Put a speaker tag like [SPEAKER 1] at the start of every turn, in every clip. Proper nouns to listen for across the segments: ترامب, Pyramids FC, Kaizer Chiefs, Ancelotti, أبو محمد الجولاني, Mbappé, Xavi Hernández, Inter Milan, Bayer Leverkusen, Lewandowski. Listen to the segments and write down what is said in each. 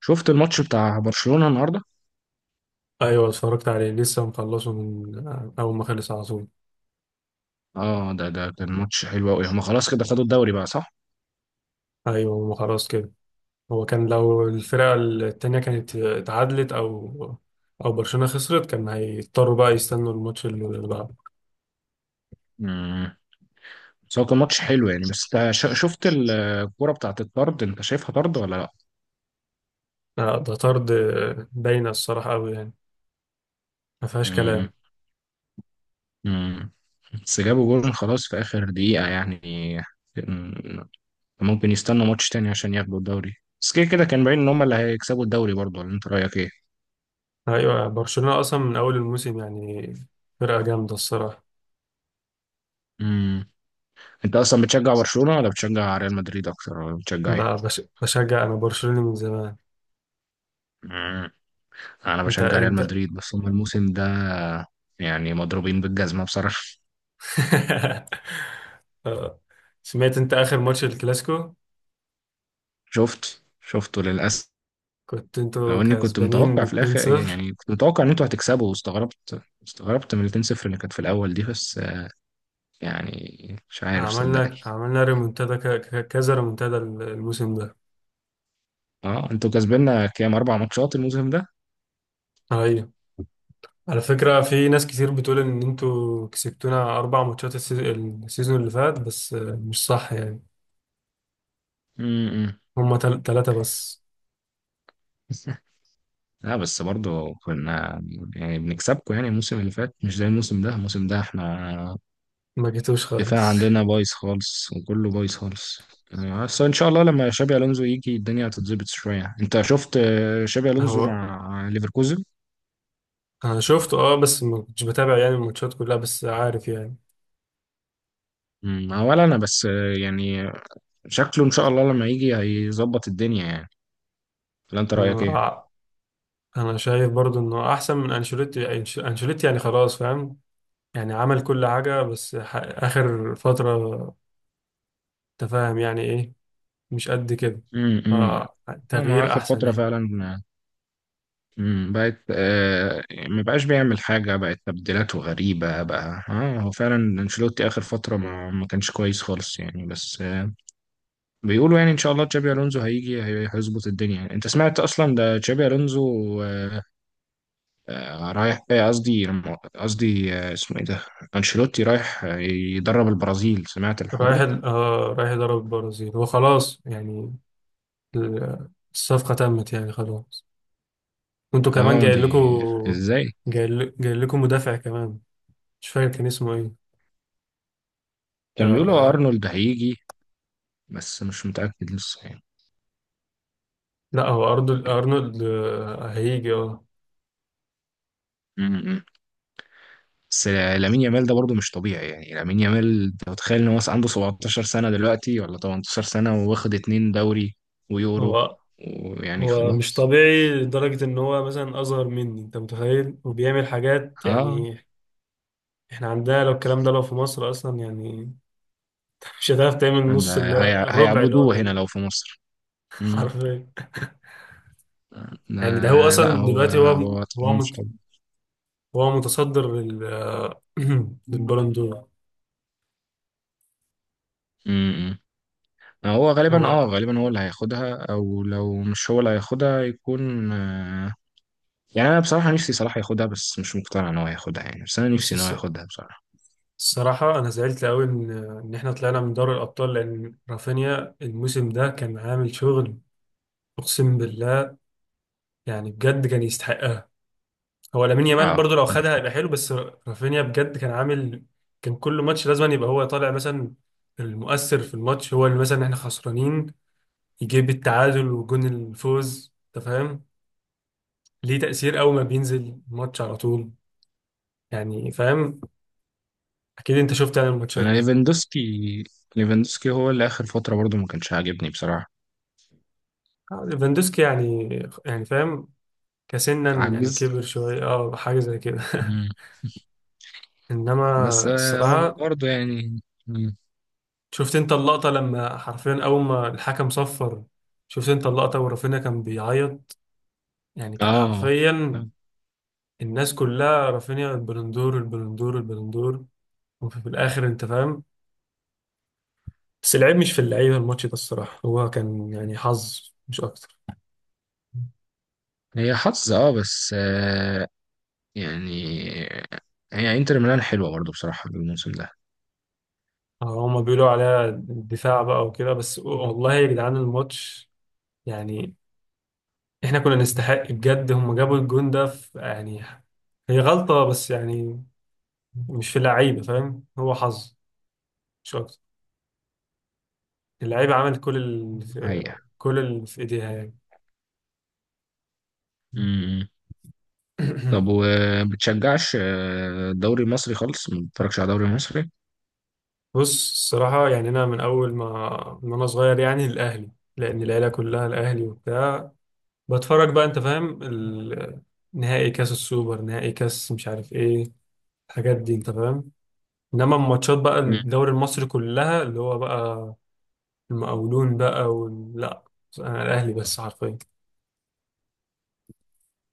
[SPEAKER 1] شفت الماتش بتاع برشلونة النهارده.
[SPEAKER 2] ايوه، اتفرجت عليه لسه مخلصه من اول ما خلص على طول.
[SPEAKER 1] اه ده كان ماتش حلو قوي. هما خلاص كده خدوا الدوري بقى، صح؟
[SPEAKER 2] ايوه، ما خلاص كده. هو كان لو الفرقه التانيه كانت اتعادلت او برشلونه خسرت، كان هيضطروا بقى يستنوا الماتش اللي بعده.
[SPEAKER 1] امم بس هو كان ماتش حلو يعني. بس انت شفت الكوره بتاعت الطرد، انت شايفها طرد ولا لا؟
[SPEAKER 2] آه، ده طرد. باينه الصراحه قوي يعني. ما فيهاش كلام.
[SPEAKER 1] امم امم بس جابوا جول خلاص في اخر دقيقة يعني. كان- ممكن يستنوا ماتش تاني عشان ياخدوا الدوري. بس كده كده كان باين ان هما اللي هيكسبوا الدوري برضه، ولا انت رايك ايه؟
[SPEAKER 2] ايوه، برشلونه اصلا من اول الموسم يعني فرقه جامده الصراحه.
[SPEAKER 1] امم انت اصلا بتشجع برشلونة ولا بتشجع ريال مدريد اكتر ولا بتشجع
[SPEAKER 2] لا، بشجع انا برشلونه من زمان.
[SPEAKER 1] ايه؟ انا
[SPEAKER 2] انت
[SPEAKER 1] بشجع ريال
[SPEAKER 2] انت
[SPEAKER 1] مدريد، بس هم الموسم ده يعني مضروبين بالجزمة بصراحة.
[SPEAKER 2] آه، سمعت انت اخر ماتش الكلاسيكو؟
[SPEAKER 1] شفت، شفته للأسف.
[SPEAKER 2] كنت
[SPEAKER 1] لو
[SPEAKER 2] انتوا
[SPEAKER 1] اني كنت
[SPEAKER 2] كسبانين
[SPEAKER 1] متوقع في الاخر
[SPEAKER 2] 2-0.
[SPEAKER 1] يعني، كنت متوقع ان انتوا هتكسبوا، واستغربت، استغربت من ال 2-0 اللي كانت في الاول دي. بس يعني مش عارف صدقني.
[SPEAKER 2] عملنا ريمونتادا، كذا ريمونتادا الموسم ده.
[SPEAKER 1] اه انتوا كسبنا كام، 4 ماتشات الموسم ده؟
[SPEAKER 2] ايوه، على فكرة في ناس كتير بتقول ان انتوا كسبتونا اربع ماتشات السيزون اللي فات، بس مش صح يعني.
[SPEAKER 1] امم
[SPEAKER 2] هما تلاتة بس.
[SPEAKER 1] لا بس برضه كنا يعني بنكسبكم يعني. الموسم اللي فات مش زي الموسم ده. الموسم ده احنا
[SPEAKER 2] ما جيتوش
[SPEAKER 1] الدفاع
[SPEAKER 2] خالص.
[SPEAKER 1] عندنا بايظ خالص وكله بايظ خالص يعني. بس ان شاء الله لما شابي الونزو يجي الدنيا هتتظبط شويه. انت شفت شابي الونزو
[SPEAKER 2] هو
[SPEAKER 1] مع ليفركوزن؟
[SPEAKER 2] انا شفته اه، بس ما كنتش بتابع يعني الماتشات كلها، بس عارف يعني.
[SPEAKER 1] ولا انا. بس يعني شكله ان شاء الله لما يجي هيظبط الدنيا يعني. ولا انت رايك ايه؟
[SPEAKER 2] اه، انا شايف برضو انه احسن من انشيلوتي. انشيلوتي يعني خلاص فاهم. يعني عمل كل حاجة، بس آخر فترة انت فاهم يعني ايه، مش قد كده.
[SPEAKER 1] امم امم هو مع
[SPEAKER 2] فتغيير
[SPEAKER 1] اخر
[SPEAKER 2] احسن
[SPEAKER 1] فتره
[SPEAKER 2] يعني.
[SPEAKER 1] فعلا. بقت آه، ما بقاش بيعمل حاجه، بقت تبديلاته غريبه بقى. اه هو فعلا انشيلوتي اخر فتره ما كانش كويس خالص يعني. بس بيقولوا يعني ان شاء الله تشابي الونزو هيجي هيظبط الدنيا يعني. انت سمعت اصلا ده تشابي الونزو رايح، قصدي قصدي، اسمه ايه ده، انشيلوتي رايح يدرب البرازيل، سمعت الحوار
[SPEAKER 2] رايح
[SPEAKER 1] ده؟
[SPEAKER 2] ال... آه رايح يضرب البرازيل وخلاص يعني. الصفقة تمت يعني خلاص. وانتوا كمان
[SPEAKER 1] اه
[SPEAKER 2] جاي
[SPEAKER 1] دي.
[SPEAKER 2] لكم.
[SPEAKER 1] ازاي؟
[SPEAKER 2] جاي لكم مدافع كمان. مش فاكر كان اسمه ايه. آه،
[SPEAKER 1] كان بيقولوا
[SPEAKER 2] آه،
[SPEAKER 1] ارنولد هيجي، بس مش متاكد لسه يعني.
[SPEAKER 2] لا، هو ارنولد، ارنولد هيجي اه.
[SPEAKER 1] م-م. بس لامين يامال ده برضه مش طبيعي يعني. لامين يامال انت متخيل ان هو عنده 17 سنه دلوقتي ولا 18 سنه، واخد 2 دوري ويورو
[SPEAKER 2] هو
[SPEAKER 1] ويعني
[SPEAKER 2] هو مش
[SPEAKER 1] خلاص.
[SPEAKER 2] طبيعي لدرجة ان هو مثلا اصغر مني، انت متخيل، وبيعمل حاجات
[SPEAKER 1] اه
[SPEAKER 2] يعني. احنا عندنا لو الكلام ده لو في مصر اصلا يعني، مش هتعرف تعمل نص
[SPEAKER 1] ده
[SPEAKER 2] اللي هو الربع اللي هو
[SPEAKER 1] هيعبدوه هنا
[SPEAKER 2] بيعمله.
[SPEAKER 1] لو في مصر. امم
[SPEAKER 2] حرفيا. يعني ده هو
[SPEAKER 1] لا لا،
[SPEAKER 2] اصلا
[SPEAKER 1] هو
[SPEAKER 2] دلوقتي.
[SPEAKER 1] هو
[SPEAKER 2] هو
[SPEAKER 1] مش
[SPEAKER 2] مت-
[SPEAKER 1] طبيعي.
[SPEAKER 2] هو متصدر للبالون دور.
[SPEAKER 1] امم هو غالبا،
[SPEAKER 2] هو
[SPEAKER 1] اه غالبا هو اللي هياخدها، او لو مش هو اللي هياخدها يكون يعني. انا بصراحة نفسي صلاح ياخدها، بس مش مقتنع ان هو ياخدها يعني. بس انا
[SPEAKER 2] بس
[SPEAKER 1] نفسي ان هو ياخدها بصراحة.
[SPEAKER 2] الصراحة، أنا زعلت أوي إن إحنا طلعنا من دوري الأبطال، لأن رافينيا الموسم ده كان عامل شغل. أقسم بالله، يعني بجد كان يستحقها. هو لامين يامال
[SPEAKER 1] اه
[SPEAKER 2] برضه لو خدها هيبقى حلو، بس رافينيا بجد كان عامل. كان كل ماتش لازم يبقى هو طالع مثلا المؤثر في الماتش. هو اللي مثلا إحنا خسرانين يجيب التعادل وجون الفوز، انت فاهم؟ ليه تأثير اول ما بينزل الماتش على طول، يعني فاهم. اكيد انت شفت يعني الماتشات
[SPEAKER 1] انا
[SPEAKER 2] دي.
[SPEAKER 1] ليفاندوسكي، ليفاندوسكي هو اللي اخر فترة برضو ما كانش عاجبني بصراحة.
[SPEAKER 2] آه، ليفاندوسكي يعني، يعني فاهم، كسنا، يعني
[SPEAKER 1] عجز.
[SPEAKER 2] كبر شوية، حاجة زي كده.
[SPEAKER 1] مم.
[SPEAKER 2] انما
[SPEAKER 1] بس هو
[SPEAKER 2] الصراحة،
[SPEAKER 1] برضو يعني. مم.
[SPEAKER 2] شفت انت اللقطة لما حرفيا اول ما الحكم صفر؟ شفت انت اللقطة ورافينيا كان بيعيط؟ يعني كان
[SPEAKER 1] اه
[SPEAKER 2] حرفيا الناس كلها رافينيا، البلندور البلندور البلندور. وفي الاخر انت فاهم. بس العيب مش في اللعيبه، الماتش ده الصراحه هو كان يعني حظ مش اكتر.
[SPEAKER 1] هي حظ، اه بس يعني هي انتر ميلان حلوة برضو بصراحة الموسم ده.
[SPEAKER 2] آه، هما بيقولوا عليها الدفاع بقى وكده، بس والله يا جدعان، الماتش يعني احنا كنا نستحق بجد. هما جابوا الجون ده في يعني، هي غلطه بس يعني، مش في اللعيبه فاهم، هو حظ مش اكتر. اللعيبه عملت كل اللي في
[SPEAKER 1] حقيقة.
[SPEAKER 2] كل اللي في ايديها يعني.
[SPEAKER 1] امم طب وبتشجعش الدوري المصري خالص؟ ما بتتفرجش على الدوري المصري؟
[SPEAKER 2] بص الصراحة، يعني أنا من أول ما من أنا صغير يعني الأهلي، لأن العيلة كلها الأهلي وبتاع. بتفرج بقى، انت فاهم، نهائي كاس السوبر، نهائي كاس مش عارف ايه، الحاجات دي انت فاهم. انما الماتشات بقى
[SPEAKER 1] امم
[SPEAKER 2] الدوري المصري كلها اللي هو بقى المقاولون بقى، لا، انا الاهلي بس حرفيا.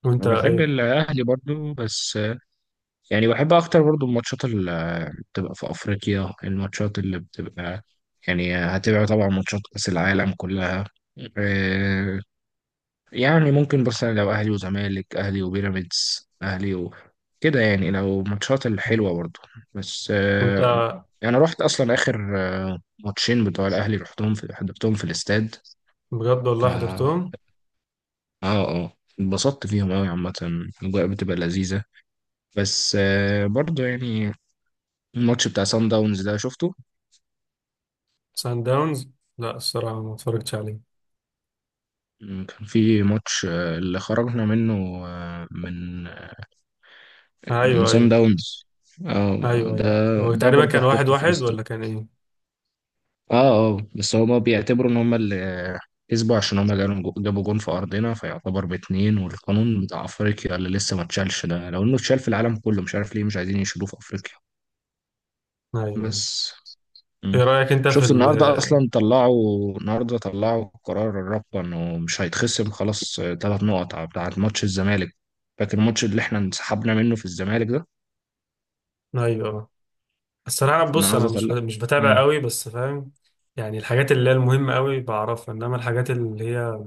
[SPEAKER 2] وانت
[SPEAKER 1] أنا بحب
[SPEAKER 2] ايه؟
[SPEAKER 1] الأهلي برضو، بس يعني بحب أكتر برضو الماتشات اللي بتبقى في أفريقيا، الماتشات اللي بتبقى يعني هتبقى طبعا ماتشات كأس العالم كلها يعني. ممكن بس أنا لو اهلي وزمالك، اهلي وبيراميدز، اهلي و... كده يعني، لو ماتشات الحلوه برضو. بس
[SPEAKER 2] انت
[SPEAKER 1] انا رحت اصلا اخر 2 ماتش بتوع الاهلي، رحتهم، في حضرتهم في الاستاد.
[SPEAKER 2] بجد
[SPEAKER 1] ف
[SPEAKER 2] والله
[SPEAKER 1] اه،
[SPEAKER 2] حضرتهم؟
[SPEAKER 1] اه اتبسطت فيهم قوي عامه. الاجواء بتبقى لذيذه. بس برضو يعني الماتش بتاع سان داونز ده شفته؟
[SPEAKER 2] سان داونز؟ لا الصراحه ما اتفرجتش عليه.
[SPEAKER 1] م، كان في ماتش اللي خرجنا منه، من من
[SPEAKER 2] ايوه،
[SPEAKER 1] سان
[SPEAKER 2] ايوه.
[SPEAKER 1] داونز. اه
[SPEAKER 2] ايوه،
[SPEAKER 1] ده،
[SPEAKER 2] ايوه، هو
[SPEAKER 1] ده
[SPEAKER 2] تقريبا
[SPEAKER 1] برضو
[SPEAKER 2] كان واحد
[SPEAKER 1] حضرته في
[SPEAKER 2] واحد
[SPEAKER 1] الاستاد.
[SPEAKER 2] ولا كان ايه؟
[SPEAKER 1] اه اه، بس هما بيعتبروا ان هما اللي كسبوا، عشان هما جابوا جابوا جون في ارضنا، فيعتبر باتنين. والقانون بتاع افريقيا اللي لسه ما اتشالش ده، لو انه اتشال في العالم كله مش عارف ليه مش عايزين يشيلوه في افريقيا.
[SPEAKER 2] ايوه، ايوه.
[SPEAKER 1] بس مم.
[SPEAKER 2] ايه رايك انت في
[SPEAKER 1] شفت النهارده اصلا طلعوا، النهارده طلعوا قرار الرابطه انه مش هيتخصم خلاص 3 نقط بتاعت ماتش الزمالك؟ فاكر الماتش اللي احنا انسحبنا منه في الزمالك ده؟
[SPEAKER 2] ايوه، الصراحة بص، أنا
[SPEAKER 1] النهارده طلع.
[SPEAKER 2] مش بتابع قوي، بس فاهم يعني الحاجات اللي هي المهمة قوي بعرفها، إنما الحاجات اللي هي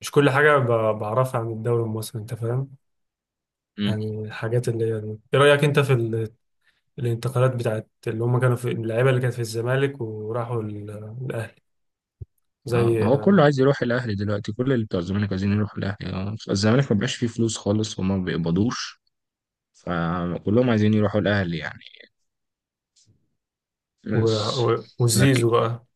[SPEAKER 2] مش كل حاجة بعرفها عن الدوري المصري، أنت فاهم.
[SPEAKER 1] مم.
[SPEAKER 2] يعني الحاجات اللي هي دي، إيه رأيك أنت في الانتقالات بتاعت اللي هم كانوا في اللعيبة اللي كانت في الزمالك وراحوا الأهلي،
[SPEAKER 1] اه
[SPEAKER 2] زي
[SPEAKER 1] هو كله عايز يروح الاهلي دلوقتي. كل اللي بتوع الزمالك عايزين يروحوا الاهلي. اه الزمالك ما بقاش فيه فلوس خالص وما بيقبضوش. فكلهم عايزين يروحوا الاهلي يعني.
[SPEAKER 2] و-
[SPEAKER 1] بس لكن
[SPEAKER 2] وزيزو بقى.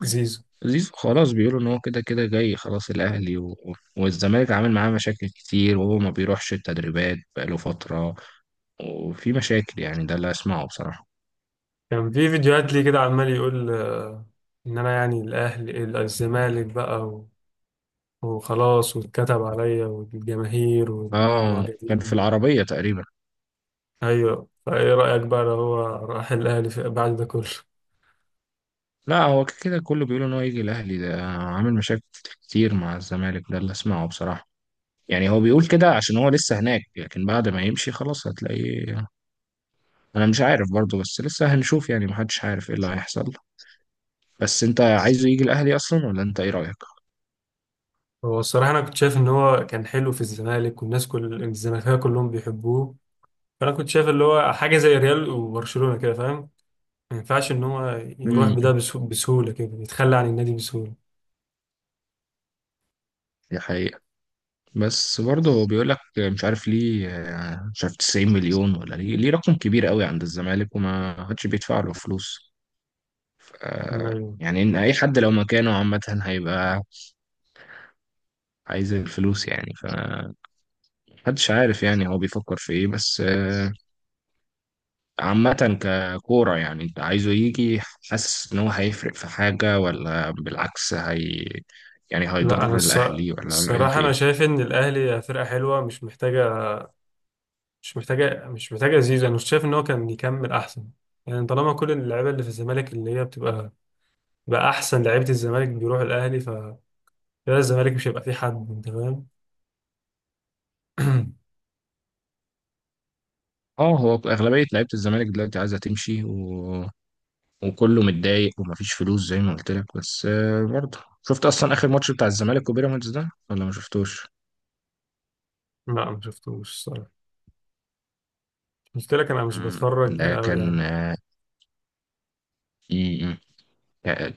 [SPEAKER 2] زيزو
[SPEAKER 1] زيزو، خلاص بيقولوا ان هو كده كده جاي خلاص الاهلي و... والزمالك عامل معاه مشاكل كتير، وهو ما بيروحش التدريبات بقاله فترة، وفي مشاكل يعني. ده اللي اسمعه بصراحة.
[SPEAKER 2] كان في فيديوهات ليه كده عمال يقول، إن أنا يعني الأهلي، الزمالك بقى وخلاص، واتكتب عليا والجماهير
[SPEAKER 1] اه كان في
[SPEAKER 2] والمعجبين.
[SPEAKER 1] العربية تقريبا.
[SPEAKER 2] ايوه، فايه رايك بقى لو هو راح الاهلي بعد ده كله؟
[SPEAKER 1] لا هو كده كله بيقولوا ان هو يجي الاهلي، ده عامل مشاكل كتير مع الزمالك. ده اللي اسمعه بصراحة. يعني هو بيقول كده عشان هو لسه هناك، لكن بعد ما يمشي خلاص هتلاقيه. انا مش عارف برضه، بس لسه هنشوف يعني، محدش عارف ايه اللي هيحصل. بس انت عايزه يجي الاهلي اصلا ولا انت ايه رايك؟
[SPEAKER 2] هو الصراحه انا كنت شايف ان هو كان حلو في الزمالك والناس كل الزمالكيه كلهم بيحبوه. فانا كنت شايف اللي هو حاجه زي ريال وبرشلونه كده فاهم. ما ينفعش ان هو يروح بده
[SPEAKER 1] امم
[SPEAKER 2] بسهوله كده، يتخلى عن النادي بسهوله.
[SPEAKER 1] دي حقيقة. بس برضه هو بيقول لك مش عارف ليه، مش عارف 90 مليون ولا ليه، ليه رقم كبير قوي عند الزمالك وما حدش بيدفع له فلوس. ف-
[SPEAKER 2] أيوة.
[SPEAKER 1] يعني ان اي حد لو مكانه عامة هيبقى عايز الفلوس يعني. فمحدش عارف يعني هو بيفكر في ايه. بس عامة ككورة يعني، انت عايزه يجي؟ حاسس ان هو هيفرق في حاجة، ولا بالعكس هي يعني
[SPEAKER 2] لا، انا
[SPEAKER 1] هيضر الاهلي، ولا رأيك
[SPEAKER 2] الصراحه
[SPEAKER 1] ايه؟
[SPEAKER 2] انا شايف ان الاهلي فرقه حلوه، مش محتاجه زيزو. انا شايف ان هو كان يكمل احسن. يعني طالما كل اللعيبه اللي في الزمالك اللي هي بتبقى بقى احسن لعيبه الزمالك بيروح الاهلي، كده الزمالك مش هيبقى فيه حد انت فاهم.
[SPEAKER 1] اه هو اغلبية لعيبة الزمالك دلوقتي عايزة تمشي و... وكله متضايق ومفيش فلوس زي ما قلت لك. بس برضه شفت اصلا اخر ماتش بتاع الزمالك وبيراميدز ده ولا ما شفتوش؟
[SPEAKER 2] لا، ما شفتوش الصراحه. قلت لك انا مش
[SPEAKER 1] مم.
[SPEAKER 2] بتفرج
[SPEAKER 1] ده
[SPEAKER 2] قوي
[SPEAKER 1] كان
[SPEAKER 2] يعني.
[SPEAKER 1] في،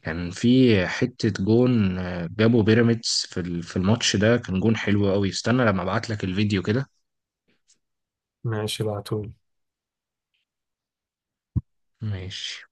[SPEAKER 1] كان في حتة جون جابه بيراميدز في في الماتش ده، كان جون حلو قوي. استنى لما ابعت لك الفيديو كده.
[SPEAKER 2] ماشي، ابعتهولي.
[SPEAKER 1] ماشي.